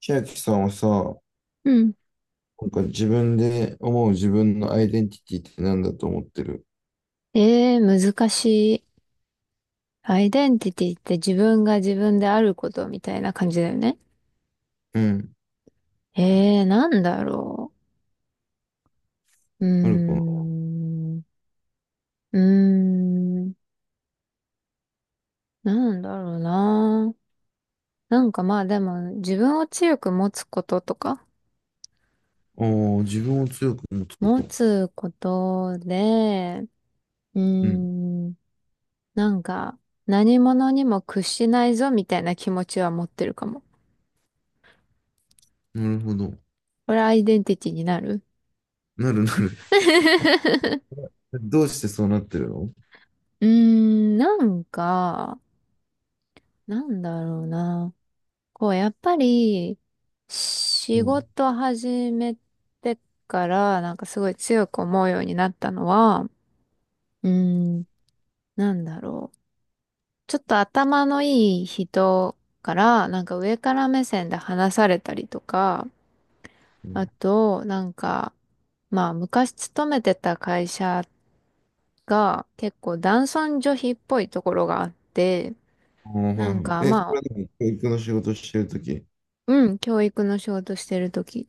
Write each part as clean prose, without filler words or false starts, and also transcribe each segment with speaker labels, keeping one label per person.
Speaker 1: 千秋さんはさ、な
Speaker 2: うん。
Speaker 1: んか自分で思う自分のアイデンティティって何だと思ってる？
Speaker 2: ええ、難しい。アイデンティティって自分が自分であることみたいな感じだよね。
Speaker 1: うん。
Speaker 2: ええ、なんだろう。うー
Speaker 1: あるかな？
Speaker 2: ん。うーん。なんだろうな。なんかまあでも自分を強く持つこととか、
Speaker 1: ああ、自分を強く持つこ
Speaker 2: 持
Speaker 1: と。
Speaker 2: つことで、うー
Speaker 1: うん。
Speaker 2: ん。なんか何者にも屈しないぞみたいな気持ちは持ってるかも。
Speaker 1: なるほど。
Speaker 2: これアイデンティティになる？
Speaker 1: なるなる。どうしてそうなってるの？
Speaker 2: なんか、なんだろうな。こう、やっぱり、
Speaker 1: う
Speaker 2: 仕
Speaker 1: ん。
Speaker 2: 事始めてから、なんかすごい強く思うようになったのは、うーん、なんだろう。ちょっと頭のいい人から、なんか上から目線で話されたりとか、
Speaker 1: う
Speaker 2: あ
Speaker 1: ん。
Speaker 2: と、なんか、まあ、昔勤めてた会社が結構男尊女卑っぽいところがあって、
Speaker 1: ああ、はい
Speaker 2: なん
Speaker 1: はい。
Speaker 2: か
Speaker 1: え、そ
Speaker 2: ま
Speaker 1: れ
Speaker 2: あ、
Speaker 1: はでも教育の仕事してるとき。う
Speaker 2: うん、教育の仕事してる時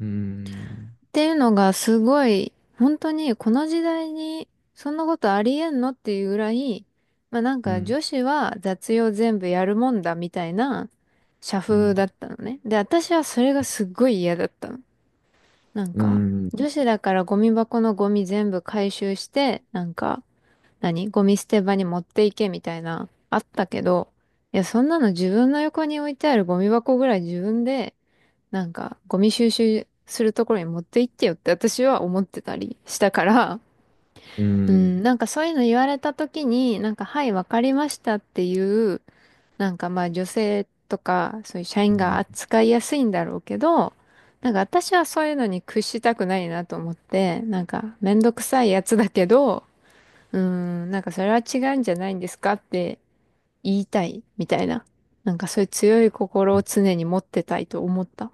Speaker 1: ーん。
Speaker 2: ていうのがすごい、本当にこの時代にそんなことありえんのっていうぐらい、まあなん
Speaker 1: う
Speaker 2: か
Speaker 1: ん。
Speaker 2: 女子は雑用全部やるもんだみたいな社
Speaker 1: う
Speaker 2: 風だ
Speaker 1: ん。
Speaker 2: ったのね。で、私はそれがすっごい嫌だったの。なん
Speaker 1: う
Speaker 2: か、
Speaker 1: ん。
Speaker 2: 女子だからゴミ箱のゴミ全部回収して、なんか、何ゴミ捨て場に持っていけみたいな、あったけど、いや、そんなの自分の横に置いてあるゴミ箱ぐらい自分でなんか、ゴミ収集するところに持って行ってよって私は思ってたりしたから、
Speaker 1: う
Speaker 2: うん、
Speaker 1: ん。
Speaker 2: なんかそういうの言われた時に、なんか、はい、わかりましたっていう、なんかまあ女性とか、そういう社
Speaker 1: う
Speaker 2: 員が
Speaker 1: ん。
Speaker 2: 扱いやすいんだろうけど、なんか私はそういうのに屈したくないなと思って、なんかめんどくさいやつだけど、うん、なんかそれは違うんじゃないんですかって言いたいみたいな。なんかそういう強い心を常に持ってたいと思った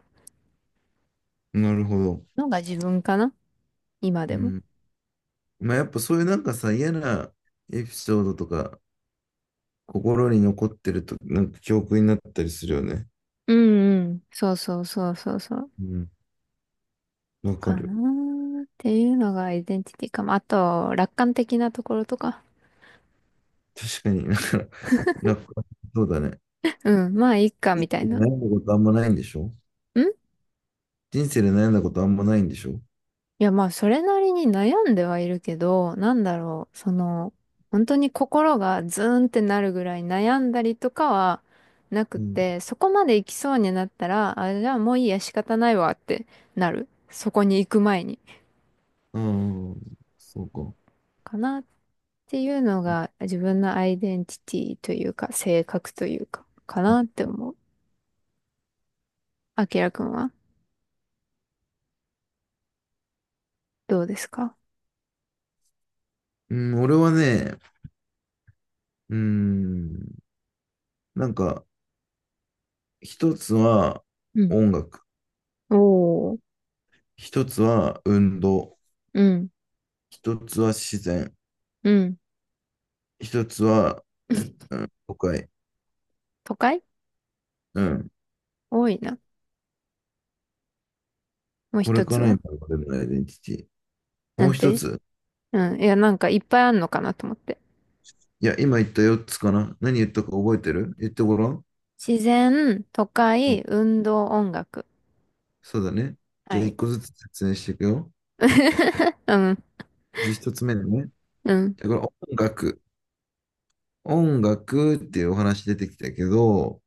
Speaker 1: なるほど。
Speaker 2: のが自分かな。今
Speaker 1: う
Speaker 2: でも。
Speaker 1: ん。まあやっぱそういうなんかさ、嫌なエピソードとか、心に残ってると、なんか記憶になったりするよね。
Speaker 2: うんうん。そうそうそうそうそう。
Speaker 1: うん、わか
Speaker 2: かな
Speaker 1: る。
Speaker 2: ーっていうのがアイデンティティかも。あと、楽観的なところとか。
Speaker 1: 確かに。 か、なんか、そうだね。
Speaker 2: うん、まあ、いいか、
Speaker 1: 人
Speaker 2: みたい
Speaker 1: 生で
Speaker 2: な。
Speaker 1: 悩んだことあんまないんでしょ？
Speaker 2: い
Speaker 1: 人生で悩んだことあんまないんでしょ？
Speaker 2: や、まあ、それなりに悩んではいるけど、なんだろう、その、本当に心がズーンってなるぐらい悩んだりとかはなく
Speaker 1: うん。
Speaker 2: て、そこまで行きそうになったら、あ、じゃあもういいや、仕方ないわってなる。そこに行く前に。
Speaker 1: ああ、そうか。
Speaker 2: かなっっていうのが自分のアイデンティティというか、性格というか、かなって思う。あきらくんはどうですか？
Speaker 1: うん、俺はね、うん、なんか、一つは
Speaker 2: うん。
Speaker 1: 音楽、
Speaker 2: おー
Speaker 1: 一つは運動、
Speaker 2: うん、
Speaker 1: 一つは自然、
Speaker 2: うん。
Speaker 1: 一つは、う ん、都会、
Speaker 2: 都会。
Speaker 1: うん、
Speaker 2: 多いな。もう
Speaker 1: これ
Speaker 2: 一
Speaker 1: か
Speaker 2: つ
Speaker 1: ら
Speaker 2: は
Speaker 1: 今までのアイデンティティ。
Speaker 2: な
Speaker 1: もう
Speaker 2: ん
Speaker 1: 一
Speaker 2: て？
Speaker 1: つ、
Speaker 2: うん。いや、なんかいっぱいあんのかなと思って。
Speaker 1: いや、今言った4つかな。何言ったか覚えてる？言ってごらん。
Speaker 2: 自然、都
Speaker 1: うん、
Speaker 2: 会、運動、音楽。
Speaker 1: そうだね。じ
Speaker 2: は
Speaker 1: ゃあ、
Speaker 2: い。
Speaker 1: 1個ずつ説明していくよ。
Speaker 2: うん、
Speaker 1: まず1つ目だね。
Speaker 2: うん、
Speaker 1: じゃあ、これ音楽。音楽っていうお話出てきたけど、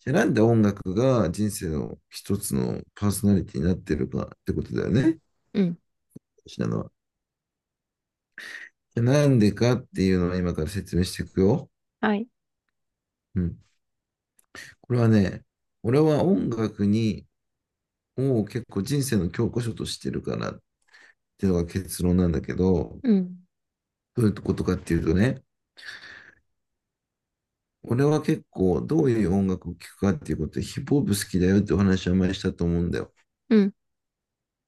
Speaker 1: じゃあなんで音楽が人生の一つのパーソナリティになってるかってことだよね。
Speaker 2: うん。
Speaker 1: 私なのは。じゃあなんでかっていうのを今から説明していくよ。
Speaker 2: はい。
Speaker 1: うん。これはね、俺は音楽に、を結構人生の教科書としてるかなっていうのが結論なんだけど、
Speaker 2: うん。
Speaker 1: どういうことかっていうとね、俺は結構どういう音楽を聴くかっていうことでヒップホップ好きだよってお話を前にしたと思うんだよ。
Speaker 2: うん。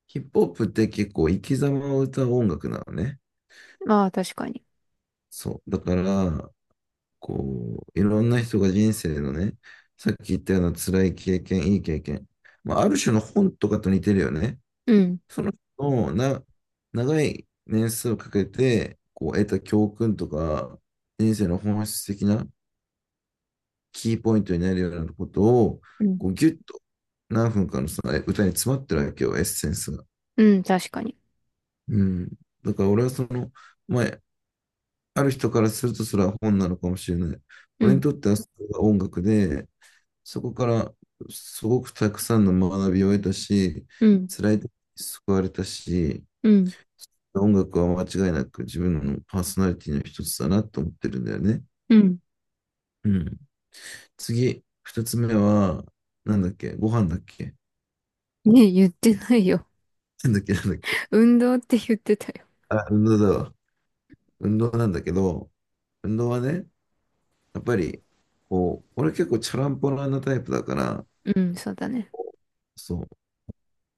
Speaker 1: ヒップホップって結構生き様を歌う音楽なのね。
Speaker 2: まあ、確かに。
Speaker 1: そう。だから、こう、いろんな人が人生のね、さっき言ったような辛い経験、いい経験、まあ、ある種の本とかと似てるよね。
Speaker 2: うん。
Speaker 1: その人のな、長い年数をかけてこう得た教訓とか、人生の本質的なキーポイントになるようなことを、
Speaker 2: うん。
Speaker 1: こうギュッと何分かのさ、歌に詰まってるわけよ、エッセンスが。
Speaker 2: うん、確かに。
Speaker 1: うん。だから俺はその、まあ、ある人からするとそれは本なのかもしれない。
Speaker 2: う
Speaker 1: 俺に
Speaker 2: ん。
Speaker 1: とってはそれが音楽で、そこからすごくたくさんの学びを得たし、
Speaker 2: うん。
Speaker 1: 辛い時に救われたし、
Speaker 2: うん。
Speaker 1: 音楽は間違いなく自分のパーソナリティの一つだなと思ってるんだよね。
Speaker 2: うん。
Speaker 1: うん。次、二つ目は、なんだっけ？ご飯だっけ？
Speaker 2: ねえ、言ってないよ。
Speaker 1: なんだっけ、なんだっけ？
Speaker 2: 運動って言ってたよ。
Speaker 1: あ、運動だわ。運動なんだけど、運動はね、やっぱり、こう、俺結構チャランポランなタイプだから、
Speaker 2: うん、そうだね。
Speaker 1: そう、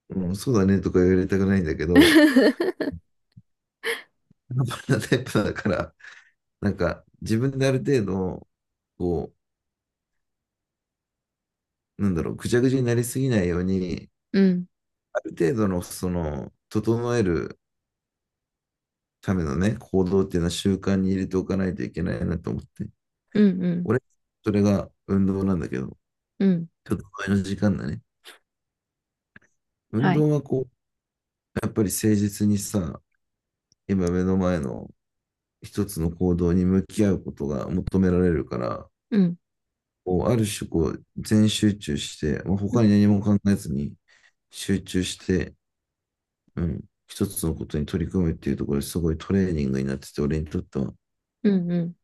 Speaker 1: うん、そうだねとか言われたくないんだけど、チャランポランなタイプだから、なんか自分である程度、こう、なんだろう、ぐちゃぐちゃになりすぎないように、
Speaker 2: うん、
Speaker 1: ある程度の、その、整えるためのね、行動っていうのは習慣に入れておかないといけないなと思って。
Speaker 2: うん、うん、
Speaker 1: 俺、それが運動なんだけど、
Speaker 2: うん、
Speaker 1: ちょっと前の時間だね。運
Speaker 2: はい。
Speaker 1: 動はこう、やっぱり誠実にさ、今目の前の一つの行動に向き合うことが求められるから、
Speaker 2: うん、
Speaker 1: こうある種こう全集中して、まあ、
Speaker 2: うん、
Speaker 1: 他に何も考えずに集中して、うん、一つのことに取り組むっていうところですごいトレーニングになってて、俺にとっては。
Speaker 2: うん、うん。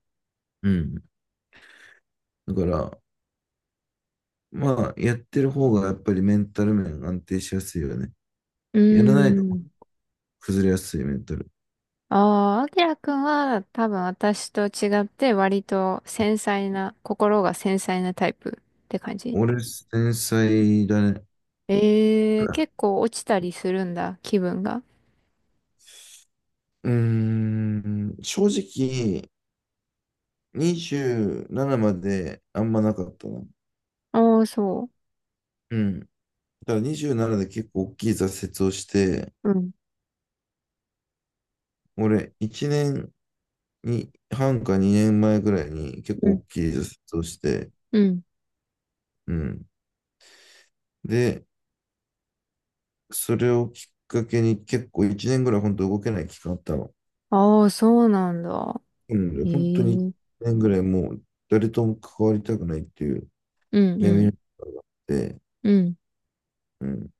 Speaker 1: うん。だから、まあ、やってる方がやっぱりメンタル面安定しやすいよね。
Speaker 2: うー
Speaker 1: やらないと
Speaker 2: ん。
Speaker 1: 崩れやすいメンタル。
Speaker 2: ああ、あきらくんは多分私と違って割と繊細な、心が繊細なタイプって感じ？
Speaker 1: 俺、繊細だね。
Speaker 2: えー、結構落ちたりするんだ、気分が。
Speaker 1: うーん、正直、27まであんまなかったな。
Speaker 2: ああ、そ
Speaker 1: うん。だから27で結構大きい挫折をして、
Speaker 2: う。うん、
Speaker 1: 俺、1年に半か2年前ぐらいに結
Speaker 2: う
Speaker 1: 構
Speaker 2: ん、
Speaker 1: 大きい挫折をして、
Speaker 2: うん。
Speaker 1: うん。で、それをきっかけに結構1年ぐらい本当動けない期間あったの。
Speaker 2: ああ、そうなんだ。
Speaker 1: うん。
Speaker 2: え
Speaker 1: 本当に1
Speaker 2: え
Speaker 1: 年ぐらいもう誰とも関わりたくないっていう
Speaker 2: うん、う
Speaker 1: 闇
Speaker 2: ん、
Speaker 1: の中があって、
Speaker 2: うん。
Speaker 1: うん。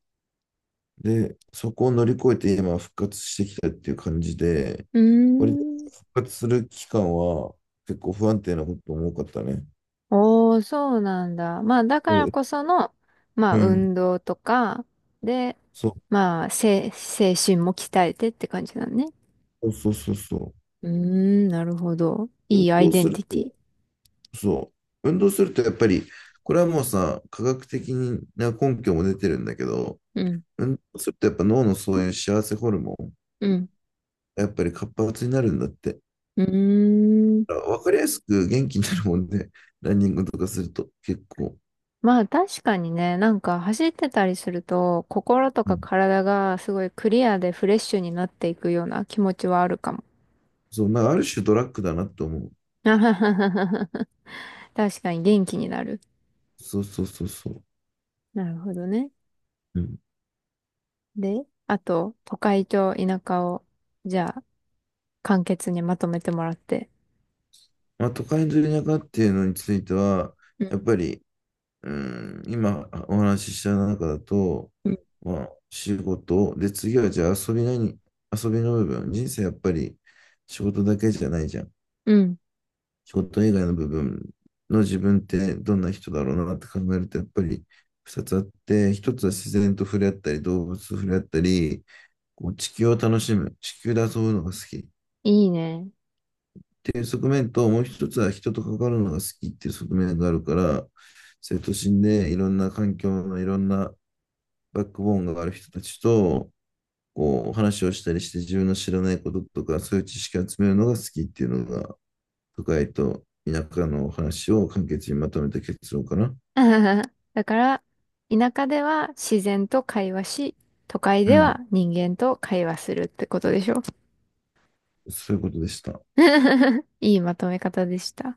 Speaker 1: で、そこを乗り越えて今復活してきたっていう感じで、
Speaker 2: うー
Speaker 1: 割と
Speaker 2: ん。
Speaker 1: 復活する期間は結構不安定なことも多かったね。
Speaker 2: おー、そうなんだ。まあ、だか
Speaker 1: そ
Speaker 2: ら
Speaker 1: う、
Speaker 2: こその、まあ、
Speaker 1: うん。
Speaker 2: 運動とか、で、
Speaker 1: そ
Speaker 2: まあ、精神も鍛えてって感じだね。
Speaker 1: う、そうそうそうそ
Speaker 2: うーん、なるほど。
Speaker 1: う。
Speaker 2: い
Speaker 1: 運
Speaker 2: いアイ
Speaker 1: 動
Speaker 2: デ
Speaker 1: す
Speaker 2: ンテ
Speaker 1: る
Speaker 2: ィティ。
Speaker 1: と、そう。運動するとやっぱり、これはもうさ、科学的な根拠も出てるんだけど、
Speaker 2: うん、
Speaker 1: 運動するとやっぱ脳のそういう幸せホルモン、
Speaker 2: うん、
Speaker 1: やっぱり活発になるんだって。
Speaker 2: うーん。
Speaker 1: だからわかりやすく元気になるもんで、ランニングとかすると結構。
Speaker 2: まあ、確かにね、なんか走ってたりすると、心と
Speaker 1: う
Speaker 2: か
Speaker 1: ん。
Speaker 2: 体がすごいクリアでフレッシュになっていくような気持ちはあるかも。
Speaker 1: そう、なんかある種ドラッグだなって思う。
Speaker 2: 確かに元気になる。
Speaker 1: そうそうそうそう。
Speaker 2: なるほどね。
Speaker 1: うん。
Speaker 2: で、あと、都会と田舎を、じゃあ、簡潔にまとめてもらって。
Speaker 1: まあ、都会の田舎っていうのについては、
Speaker 2: う
Speaker 1: やっ
Speaker 2: ん。
Speaker 1: ぱり、うん、今お話しした中だと、
Speaker 2: うん。
Speaker 1: まあ、仕事、で、次はじゃあ遊びなに？遊びの部分、人生やっぱり仕事だけじゃないじゃん。
Speaker 2: うん。
Speaker 1: 仕事以外の部分の自分ってどんな人だろうなって考えると、やっぱり2つあって、一つは自然と触れ合ったり、動物と触れ合ったり、こう地球を楽しむ、地球で遊ぶのが好き。
Speaker 2: いいね。
Speaker 1: っていう側面と、もう一つは人と関わるのが好きっていう側面があるから、生徒心でいろんな環境のいろんなバックボーンがある人たちと、こう、話をしたりして自分の知らないこととか、そういう知識を集めるのが好きっていうのが、都会と田舎の話を簡潔にまとめた結論かな。
Speaker 2: だから、田舎では自然と会話し、都会
Speaker 1: う
Speaker 2: では
Speaker 1: ん、
Speaker 2: 人間と会話するってことでしょ？
Speaker 1: そういうことでした。
Speaker 2: いいまとめ方でした。